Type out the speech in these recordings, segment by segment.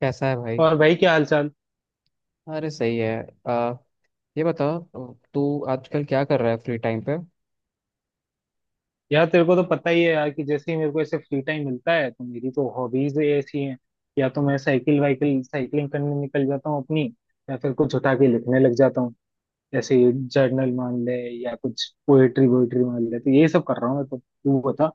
कैसा है भाई? और भाई क्या हाल चाल। अरे सही है। आ, ये बताओ तू आजकल क्या कर रहा है फ्री टाइम पे? यार तेरे को तो पता ही है यार कि जैसे ही मेरे को ऐसे फ्री टाइम मिलता है तो मेरी तो हॉबीज ऐसी हैं। या तो मैं साइकिल वाइकिल साइकिलिंग करने निकल जाता हूँ अपनी, या फिर कुछ उठा के लिखने लग जाता हूँ ऐसे। जर्नल मान ले या कुछ पोएट्री वोएट्री मान ले, तो ये सब कर रहा हूँ मैं। तो तू बता।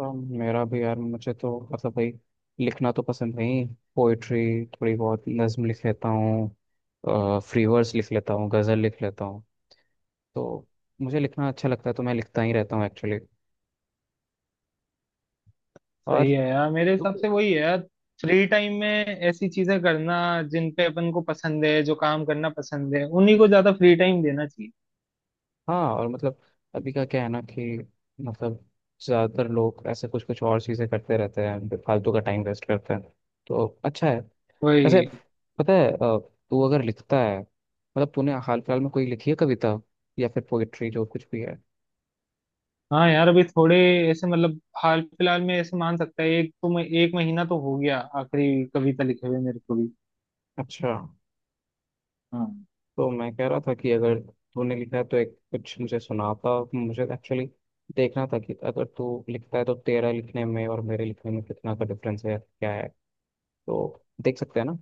आ, मेरा भी यार, मुझे तो मतलब भाई लिखना तो पसंद नहीं। पोइट्री, थोड़ी बहुत नज्म लिख लेता हूँ, फ्री वर्स लिख लेता हूँ, गज़ल लिख लेता हूँ। तो मुझे लिखना अच्छा लगता है, तो मैं लिखता ही रहता हूँ एक्चुअली। सही और है यार, मेरे हिसाब से वही है यार, फ्री टाइम में ऐसी चीजें करना जिन पे अपन को पसंद है, जो काम करना पसंद है उन्हीं को ज्यादा फ्री टाइम देना चाहिए। हाँ, और मतलब अभी का क्या है ना कि मतलब ज़्यादातर लोग ऐसे कुछ कुछ और चीज़ें करते रहते हैं, फालतू का टाइम वेस्ट करते हैं। तो अच्छा है। वैसे वही। पता है, तू अगर लिखता है मतलब तूने हाल फिलहाल में कोई लिखी है कविता या फिर पोइट्री जो कुछ भी है? हाँ यार, अभी थोड़े ऐसे मतलब हाल फिलहाल में ऐसे मान सकता है, एक तो मैं एक महीना तो हो गया आखिरी कविता लिखे हुए मेरे को भी। अच्छा। हाँ तो मैं कह रहा था कि अगर तूने लिखा है तो एक कुछ मुझे सुनाता। मुझे एक्चुअली देखना था कि अगर तू लिखता है तो तेरा लिखने में और मेरे लिखने में कितना का डिफरेंस है, क्या है। तो देख सकते हैं ना।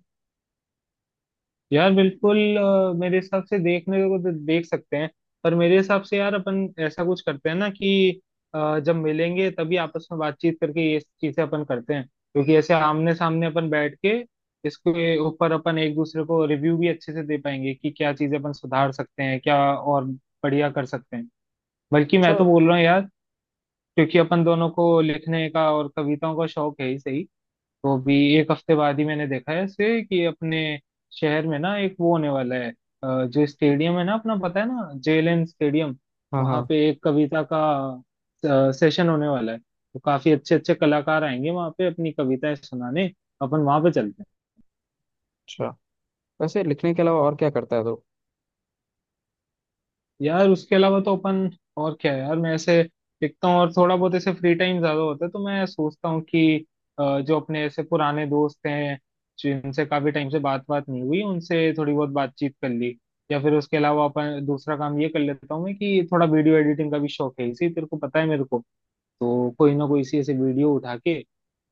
यार बिल्कुल, मेरे हिसाब से देखने को तो देख सकते हैं, पर मेरे हिसाब से यार अपन ऐसा कुछ करते हैं ना कि जब मिलेंगे तभी आपस में बातचीत करके ये चीजें अपन करते हैं, क्योंकि ऐसे आमने सामने अपन बैठ के इसके ऊपर अपन एक दूसरे को रिव्यू भी अच्छे से दे पाएंगे कि क्या चीजें अपन सुधार सकते हैं, क्या और बढ़िया कर सकते हैं। बल्कि अच्छा। मैं तो बोल रहा हूँ यार, क्योंकि अपन दोनों को लिखने का और कविताओं का शौक है ही सही, तो अभी एक हफ्ते बाद ही मैंने देखा है ऐसे कि अपने शहर में ना एक वो होने वाला है। जो स्टेडियम है ना अपना, पता है ना, जेएलएन स्टेडियम, हाँ वहां हाँ। पे एक कविता का सेशन होने वाला है। तो काफी अच्छे अच्छे कलाकार आएंगे वहां पे अपनी कविताएं सुनाने, अपन वहां पे चलते हैं। अच्छा, वैसे लिखने के अलावा और क्या करता है तो? यार उसके अलावा तो अपन और क्या है यार, मैं ऐसे लिखता हूँ, और थोड़ा बहुत ऐसे फ्री टाइम ज्यादा होता है तो मैं सोचता हूँ कि जो अपने ऐसे पुराने दोस्त हैं जिनसे काफी टाइम से बात बात नहीं हुई, उनसे थोड़ी बहुत बातचीत कर ली। या फिर उसके अलावा अपन दूसरा काम ये कर लेता हूँ मैं कि थोड़ा वीडियो एडिटिंग का भी शौक है इसी, तेरे को पता है मेरे को, तो कोई ना कोई इसी ऐसे वीडियो उठा के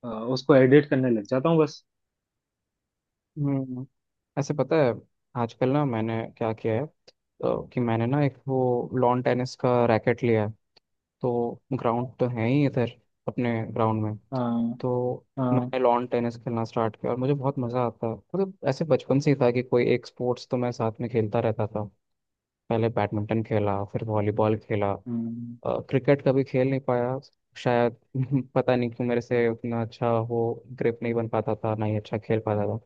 उसको एडिट करने लग जाता हूँ बस। हम्म। ऐसे पता है, आजकल ना मैंने क्या किया है तो कि मैंने ना एक वो लॉन टेनिस का रैकेट लिया है। तो ग्राउंड तो है ही इधर, अपने ग्राउंड में। हाँ तो हाँ। मैंने लॉन टेनिस खेलना स्टार्ट किया और मुझे बहुत मज़ा आता है। मतलब ऐसे बचपन से ही था कि कोई एक स्पोर्ट्स तो मैं साथ में खेलता रहता था। पहले बैडमिंटन खेला, फिर वॉलीबॉल खेला। हम्म। क्रिकेट कभी खेल नहीं पाया शायद। पता नहीं क्यों, मेरे से उतना अच्छा वो ग्रिप नहीं बन पाता था, ना ही अच्छा खेल पाता था।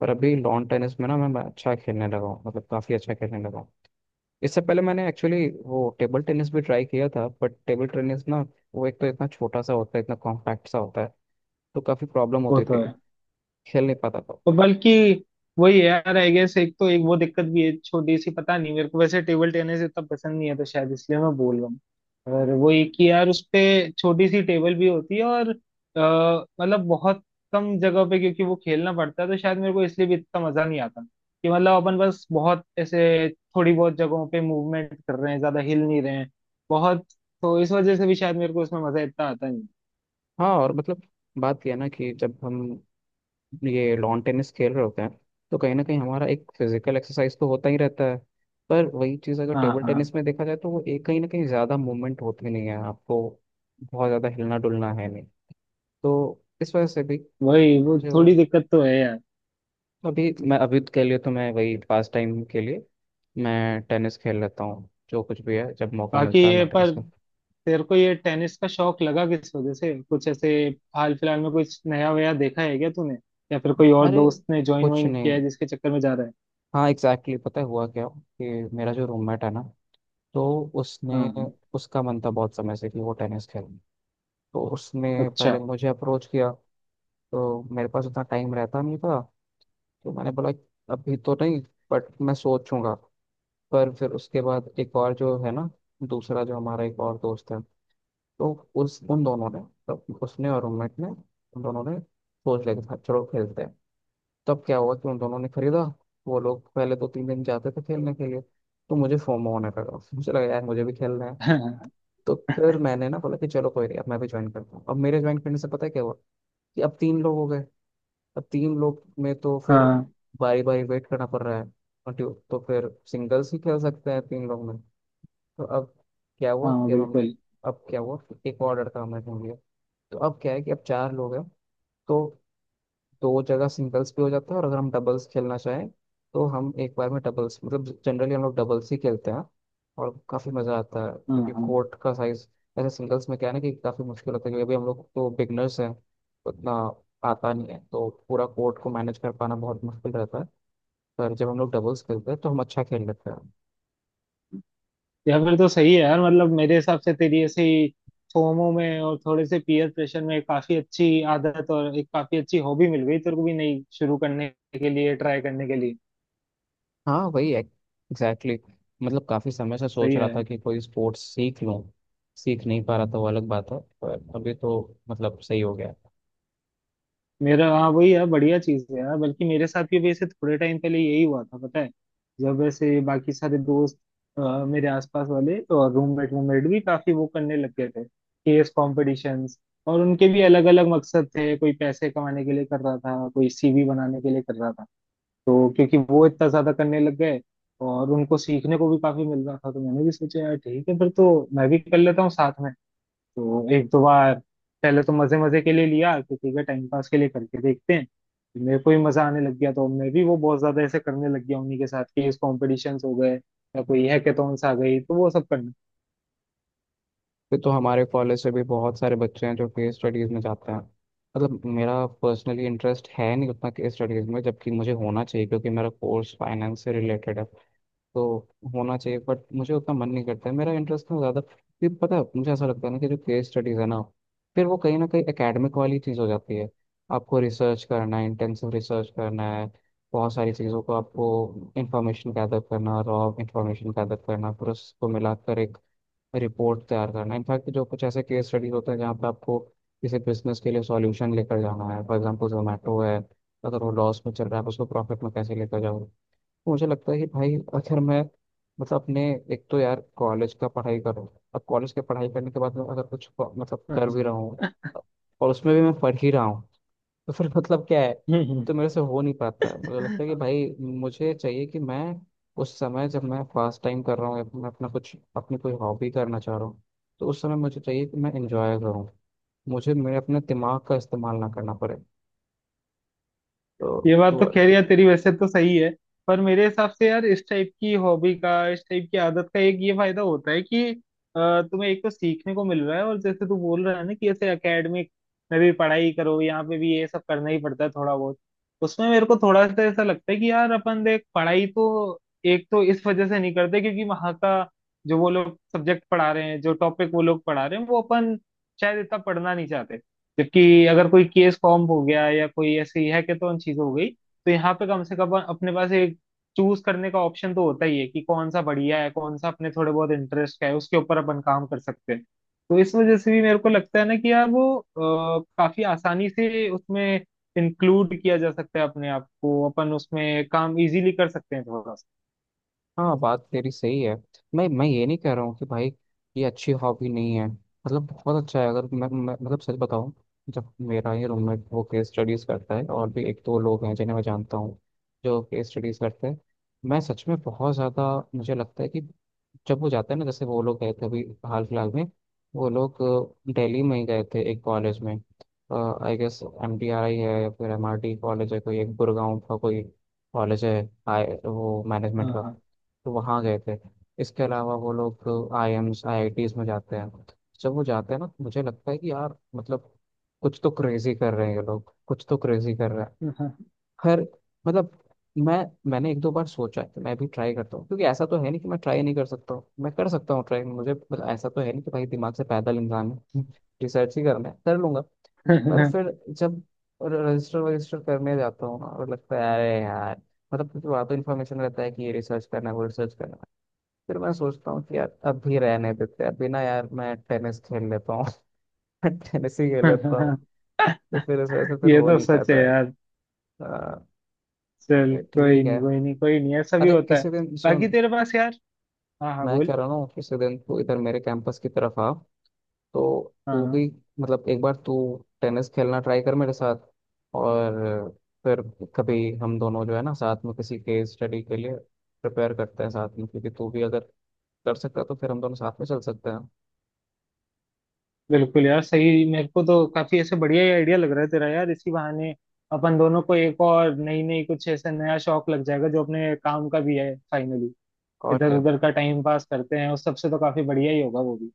पर अभी लॉन टेनिस में ना मैं अच्छा खेलने लगा हूँ, मतलब काफ़ी अच्छा खेलने लगा हूँ। इससे पहले मैंने एक्चुअली वो टेबल टेनिस भी ट्राई किया था। बट टेबल टेनिस ना, वो एक तो इतना छोटा सा होता है, इतना कॉम्पैक्ट सा होता है, तो काफ़ी प्रॉब्लम वो होती तो थी। है। खेल नहीं पाता और था। बल्कि वही है यार, आई गेस एक तो एक वो दिक्कत भी है छोटी सी, पता नहीं मेरे को वैसे टेबल टेनिस इतना पसंद नहीं है तो शायद इसलिए मैं बोल रहा हूँ। और वो एक ही यार, उस पे छोटी सी टेबल भी होती है, और मतलब बहुत कम जगह पे क्योंकि वो खेलना पड़ता है, तो शायद मेरे को इसलिए भी इतना मजा नहीं आता कि मतलब अपन बस बहुत ऐसे थोड़ी बहुत जगहों पे मूवमेंट कर रहे हैं, ज्यादा हिल नहीं रहे हैं बहुत, तो इस वजह से भी शायद मेरे को उसमें मजा इतना आता नहीं। हाँ, और मतलब बात यह है ना कि जब हम ये लॉन टेनिस खेल रहे होते हैं तो कहीं ना कहीं हमारा एक फिजिकल एक्सरसाइज तो होता ही रहता है। पर वही चीज़ अगर हाँ टेबल हाँ। टेनिस में देखा जाए तो वो एक कहीं ना कहीं ज़्यादा मूवमेंट होती नहीं है आपको। बहुत ज़्यादा हिलना डुलना है नहीं। तो इस वजह से भी वही वो जो थोड़ी दिक्कत तो है यार। अभी, मैं अभी के लिए तो मैं वही पास टाइम के लिए मैं टेनिस खेल लेता हूँ। जो कुछ भी है, जब मौका बाकी मिलता है ये मैं पर टेनिस खेल। तेरे को ये टेनिस का शौक लगा किस वजह से? कुछ ऐसे हाल फिलहाल में कुछ नया वया देखा है क्या तूने, या फिर कोई और अरे दोस्त ने ज्वाइन कुछ वाइन किया नहीं। है जिसके चक्कर में जा रहा है? हाँ एग्जैक्टली exactly, पता है हुआ क्या कि मेरा जो रूममेट है ना, तो हाँ उसने, हाँ। उसका मन था बहुत समय से कि वो टेनिस खेले, तो उसने पहले अच्छा। मुझे अप्रोच किया। तो मेरे पास उतना टाइम रहता नहीं था, तो मैंने बोला अभी तो नहीं, बट मैं सोचूंगा। पर फिर उसके बाद एक और जो है ना, दूसरा जो हमारा एक और दोस्त है, तो उस उन दोनों ने, तब उसने और रूममेट ने उन दोनों ने सोच लिया कि "हाँ, चलो खेलते हैं।" तब क्या हुआ कि उन दोनों ने खरीदा। वो लोग पहले दो तीन दिन जाते थे खेलने के लिए, तो मुझे फोमो होने लगा। मुझे लगा यार मुझे भी खेलना है। हाँ। तो फिर मैंने ना बोला कि चलो कोई नहीं, अब मैं भी ज्वाइन करता हूँ। अब मेरे ज्वाइन करने से पता है क्या हुआ कि अब तीन लोग हो गए। अब तीन लोग में तो फिर बारी बारी वेट करना पड़ रहा है। और तो फिर सिंगल्स ही खेल सकते हैं तीन लोग में। तो अब क्या हुआ हाँ कि अब हमने बिल्कुल। अब क्या हुआ कि एक और लड़का हमने ढूंढ लिया। तो अब क्या है कि अब चार लोग हैं। तो दो जगह सिंगल्स भी हो जाता है, और अगर हम डबल्स खेलना चाहें तो हम एक बार में डबल्स, मतलब जनरली हम लोग डबल्स ही खेलते हैं। और काफ़ी मज़ा आता है, हाँ क्योंकि हाँ। कोर्ट का साइज, ऐसे सिंगल्स में क्या है ना कि काफ़ी मुश्किल होता है, क्योंकि अभी हम लोग तो बिगनर्स हैं, उतना आता नहीं है, तो पूरा कोर्ट को मैनेज कर पाना बहुत मुश्किल रहता है। पर जब हम लोग डबल्स खेलते हैं तो हम अच्छा खेल लेते हैं। या फिर तो सही है यार, मतलब मेरे हिसाब से तेरी ऐसे फोमो में और थोड़े से पीयर प्रेशर में काफी अच्छी आदत और एक काफी अच्छी हॉबी मिल गई तेरे को भी, नई शुरू करने के लिए, ट्राई करने के लिए। हाँ वही एग्जैक्टली exactly. मतलब काफी समय से सही सोच रहा है। था कि कोई स्पोर्ट्स सीख लूं। सीख नहीं पा रहा था वो अलग बात है, पर अभी तो मतलब सही हो गया। मेरा हाँ वही यार, बढ़िया चीज है यार। बल्कि मेरे साथ भी वैसे थोड़े टाइम पहले यही हुआ था पता है, जब वैसे बाकी सारे दोस्त मेरे आसपास वाले और रूममेट रूममेट भी काफी वो करने लग गए थे, केस कॉम्पिटिशंस। और उनके भी अलग अलग मकसद थे, कोई पैसे कमाने के लिए कर रहा था, कोई सीवी बनाने के लिए कर रहा था। तो क्योंकि वो इतना ज्यादा करने लग गए, और उनको सीखने को भी काफी मिल रहा था, तो मैंने भी सोचा यार ठीक है फिर तो मैं भी कर लेता हूँ साथ में। तो एक दो बार पहले तो मजे मजे के लिए लिया कि ठीक है टाइम पास के लिए करके देखते हैं, मेरे को भी मजा आने लग गया, तो मैं भी वो बहुत ज्यादा ऐसे करने लग गया उन्हीं के साथ। क्विज कॉम्पिटिशंस हो गए, या कोई हैकेथॉन्स आ गई, तो वो सब फिर तो हमारे कॉलेज से भी बहुत सारे बच्चे हैं जो केस स्टडीज में जाते हैं। मतलब मेरा पर्सनली इंटरेस्ट है नहीं उतना केस स्टडीज में, जबकि मुझे होना चाहिए क्योंकि मेरा कोर्स फाइनेंस से रिलेटेड है। तो होना चाहिए, बट मुझे उतना मन नहीं करता है, मेरा इंटरेस्ट ना ज़्यादा। फिर पता है मुझे ऐसा लगता है ना कि जो केस स्टडीज़ है ना, फिर वो कहीं ना कहीं एकेडमिक वाली चीज़ हो जाती है। आपको रिसर्च करना है, इंटेंसिव रिसर्च करना है, बहुत सारी चीज़ों को आपको इंफॉर्मेशन गैदर करना, रॉ इंफॉर्मेशन गैदर करना, फिर उसको मिलाकर एक रिपोर्ट तैयार करना। इनफैक्ट जो कुछ ऐसे केस स्टडीज होते हैं जहाँ पे आपको किसी बिजनेस के लिए सॉल्यूशन लेकर जाना है, फॉर एग्जांपल जोमेटो है, अगर वो लॉस में चल रहा है आप उसको प्रॉफिट में कैसे लेकर जाओ। मुझे लगता है कि भाई अगर मैं, मतलब अपने, एक तो यार कॉलेज का पढ़ाई करूँ, अब कॉलेज की पढ़ाई करने के बाद मैं अगर कुछ मतलब कर भी करना। रहा हूँ, और उसमें भी मैं पढ़ ही रहा हूँ। तो फिर मतलब क्या है। तो मेरे से हो नहीं पाता है। मुझे लगता है कि भाई मुझे चाहिए कि मैं उस समय जब मैं फर्स्ट टाइम कर रहा हूँ या मैं अपना कुछ अपनी कोई हॉबी करना चाह रहा हूँ, तो उस समय मुझे चाहिए कि मैं इंजॉय करूँ। मुझे मेरे अपने दिमाग का इस्तेमाल ना करना पड़े। ये बात तो तो। खैर यार तेरी वैसे तो सही है, पर मेरे हिसाब से यार इस टाइप की हॉबी का, इस टाइप की आदत का, एक ये फायदा होता है कि तुम्हें एक तो सीखने को मिल रहा है, और जैसे तू बोल रहा है ना कि ऐसे एकेडमिक में भी पढ़ाई करो, यहाँ पे भी ये सब करना ही पड़ता है थोड़ा बहुत। उसमें मेरे को थोड़ा सा ऐसा लगता है कि यार अपन देख, पढ़ाई तो एक तो इस वजह से नहीं करते क्योंकि वहाँ का जो वो लोग सब्जेक्ट पढ़ा रहे हैं, जो टॉपिक वो लोग पढ़ा रहे हैं, वो अपन शायद इतना पढ़ना नहीं चाहते। जबकि अगर कोई केस फॉर्म हो गया या कोई ऐसी हैकेथॉन चीज हो गई, तो यहाँ पे कम से कम अपने पास एक चूज करने का ऑप्शन तो होता ही है कि कौन सा बढ़िया है, कौन सा अपने थोड़े बहुत इंटरेस्ट का है, उसके ऊपर अपन काम कर सकते हैं। तो इस वजह से भी मेरे को लगता है ना कि यार वो काफी आसानी से उसमें इंक्लूड किया जा सकता है अपने आप को, अपन उसमें काम इजीली कर सकते हैं थोड़ा सा। हाँ बात तेरी सही है। मैं ये नहीं कह रहा हूँ कि भाई ये अच्छी हॉबी नहीं है, मतलब बहुत अच्छा है। अगर मैं मतलब सच बताऊँ, जब मेरा ही रूममेट वो केस स्टडीज़ करता है, और भी एक दो लोग हैं जिन्हें मैं जानता हूँ जो केस स्टडीज़ करते हैं, मैं सच में बहुत ज़्यादा, मुझे लगता है कि जब वो जाता है ना, जैसे वो लोग गए थे अभी हाल फिलहाल में, वो लोग दिल्ली में ही गए थे एक कॉलेज में। आई गेस MTRI है, या फिर MRT कॉलेज है, कोई एक गुड़गांव का कोई कॉलेज है, आई वो मैनेजमेंट का। हाँ तो वहाँ गए थे। इसके अलावा वो लोग IIMs, IITs में जाते हैं। जब वो जाते हैं ना तो मुझे लगता है कि यार मतलब कुछ तो क्रेजी कर रहे हैं ये लोग, कुछ तो क्रेजी कर रहे हैं। हाँ। खैर, मतलब मैं मैंने एक दो बार सोचा है कि मैं भी ट्राई करता हूँ, क्योंकि ऐसा तो है नहीं कि मैं ट्राई नहीं कर सकता हूँ। मैं कर सकता हूँ ट्राई, मुझे मतलब ऐसा तो है नहीं कि भाई दिमाग से पैदल इंसान है, रिसर्च ही करना है कर लूंगा। पर फिर जब रजिस्टर वजिस्टर करने जाता हूँ ना और लगता है अरे यार, मतलब क्योंकि वहाँ तो इन्फॉर्मेशन रहता है कि ये रिसर्च करना है वो रिसर्च करना है। फिर मैं सोचता हूँ कि यार अभी रहने देते हैं, अभी ना यार मैं टेनिस खेल लेता हूँ टेनिस ही खेल लेता हूँ। सा। तो फिर इस वजह से फिर ये हो तो नहीं सच है पाता है। यार। आ, चल तो कोई ठीक नहीं, है। कोई नहीं, कोई नहीं, ऐसा भी अरे होता है। किसी दिन सुन, बाकी तेरे पास यार, हाँ हाँ मैं कह बोल। रहा हूँ किसी दिन तू इधर मेरे कैंपस की तरफ आ, तो हाँ तू हाँ। भी, मतलब एक बार तू टेनिस खेलना ट्राई कर मेरे साथ। और फिर कभी हम दोनों जो है ना साथ में किसी केस स्टडी के लिए प्रिपेयर करते हैं साथ में, क्योंकि तू भी अगर कर सकता है तो फिर हम दोनों साथ में चल सकते हैं। बिल्कुल यार सही, मेरे को तो काफी ऐसे बढ़िया ही आइडिया लग रहा है तेरा यार, इसी बहाने अपन दोनों को एक और नई नई कुछ ऐसा नया शौक लग जाएगा जो अपने काम का भी है फाइनली। और इधर क्या। उधर का टाइम पास करते हैं, उस सबसे तो काफी बढ़िया ही होगा वो भी।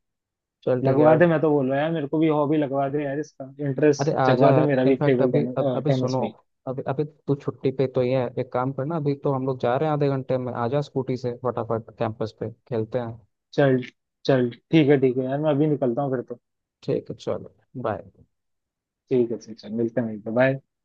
चल ठीक है लगवा यार। दे, मैं तो बोल रहा यार, मेरे को भी हॉबी लगवा दे यार, इसका अरे इंटरेस्ट आजा जगवा दे यार, मेरा भी इनफैक्ट टेबल अभी, अब टेनिस अभी टेनिस सुनो। में ही। अभी अभी तू छुट्टी पे, तो ये है एक काम करना, अभी तो हम लोग जा रहे हैं आधे घंटे में, आजा स्कूटी से फटाफट कैंपस पे खेलते हैं। चल। चल ठीक है, ठीक है यार, मैं अभी निकलता हूँ फिर तो। ठीक है चलो। बाय। ठीक है ठीक है, मिलते हैं, मिलते हैं, bye।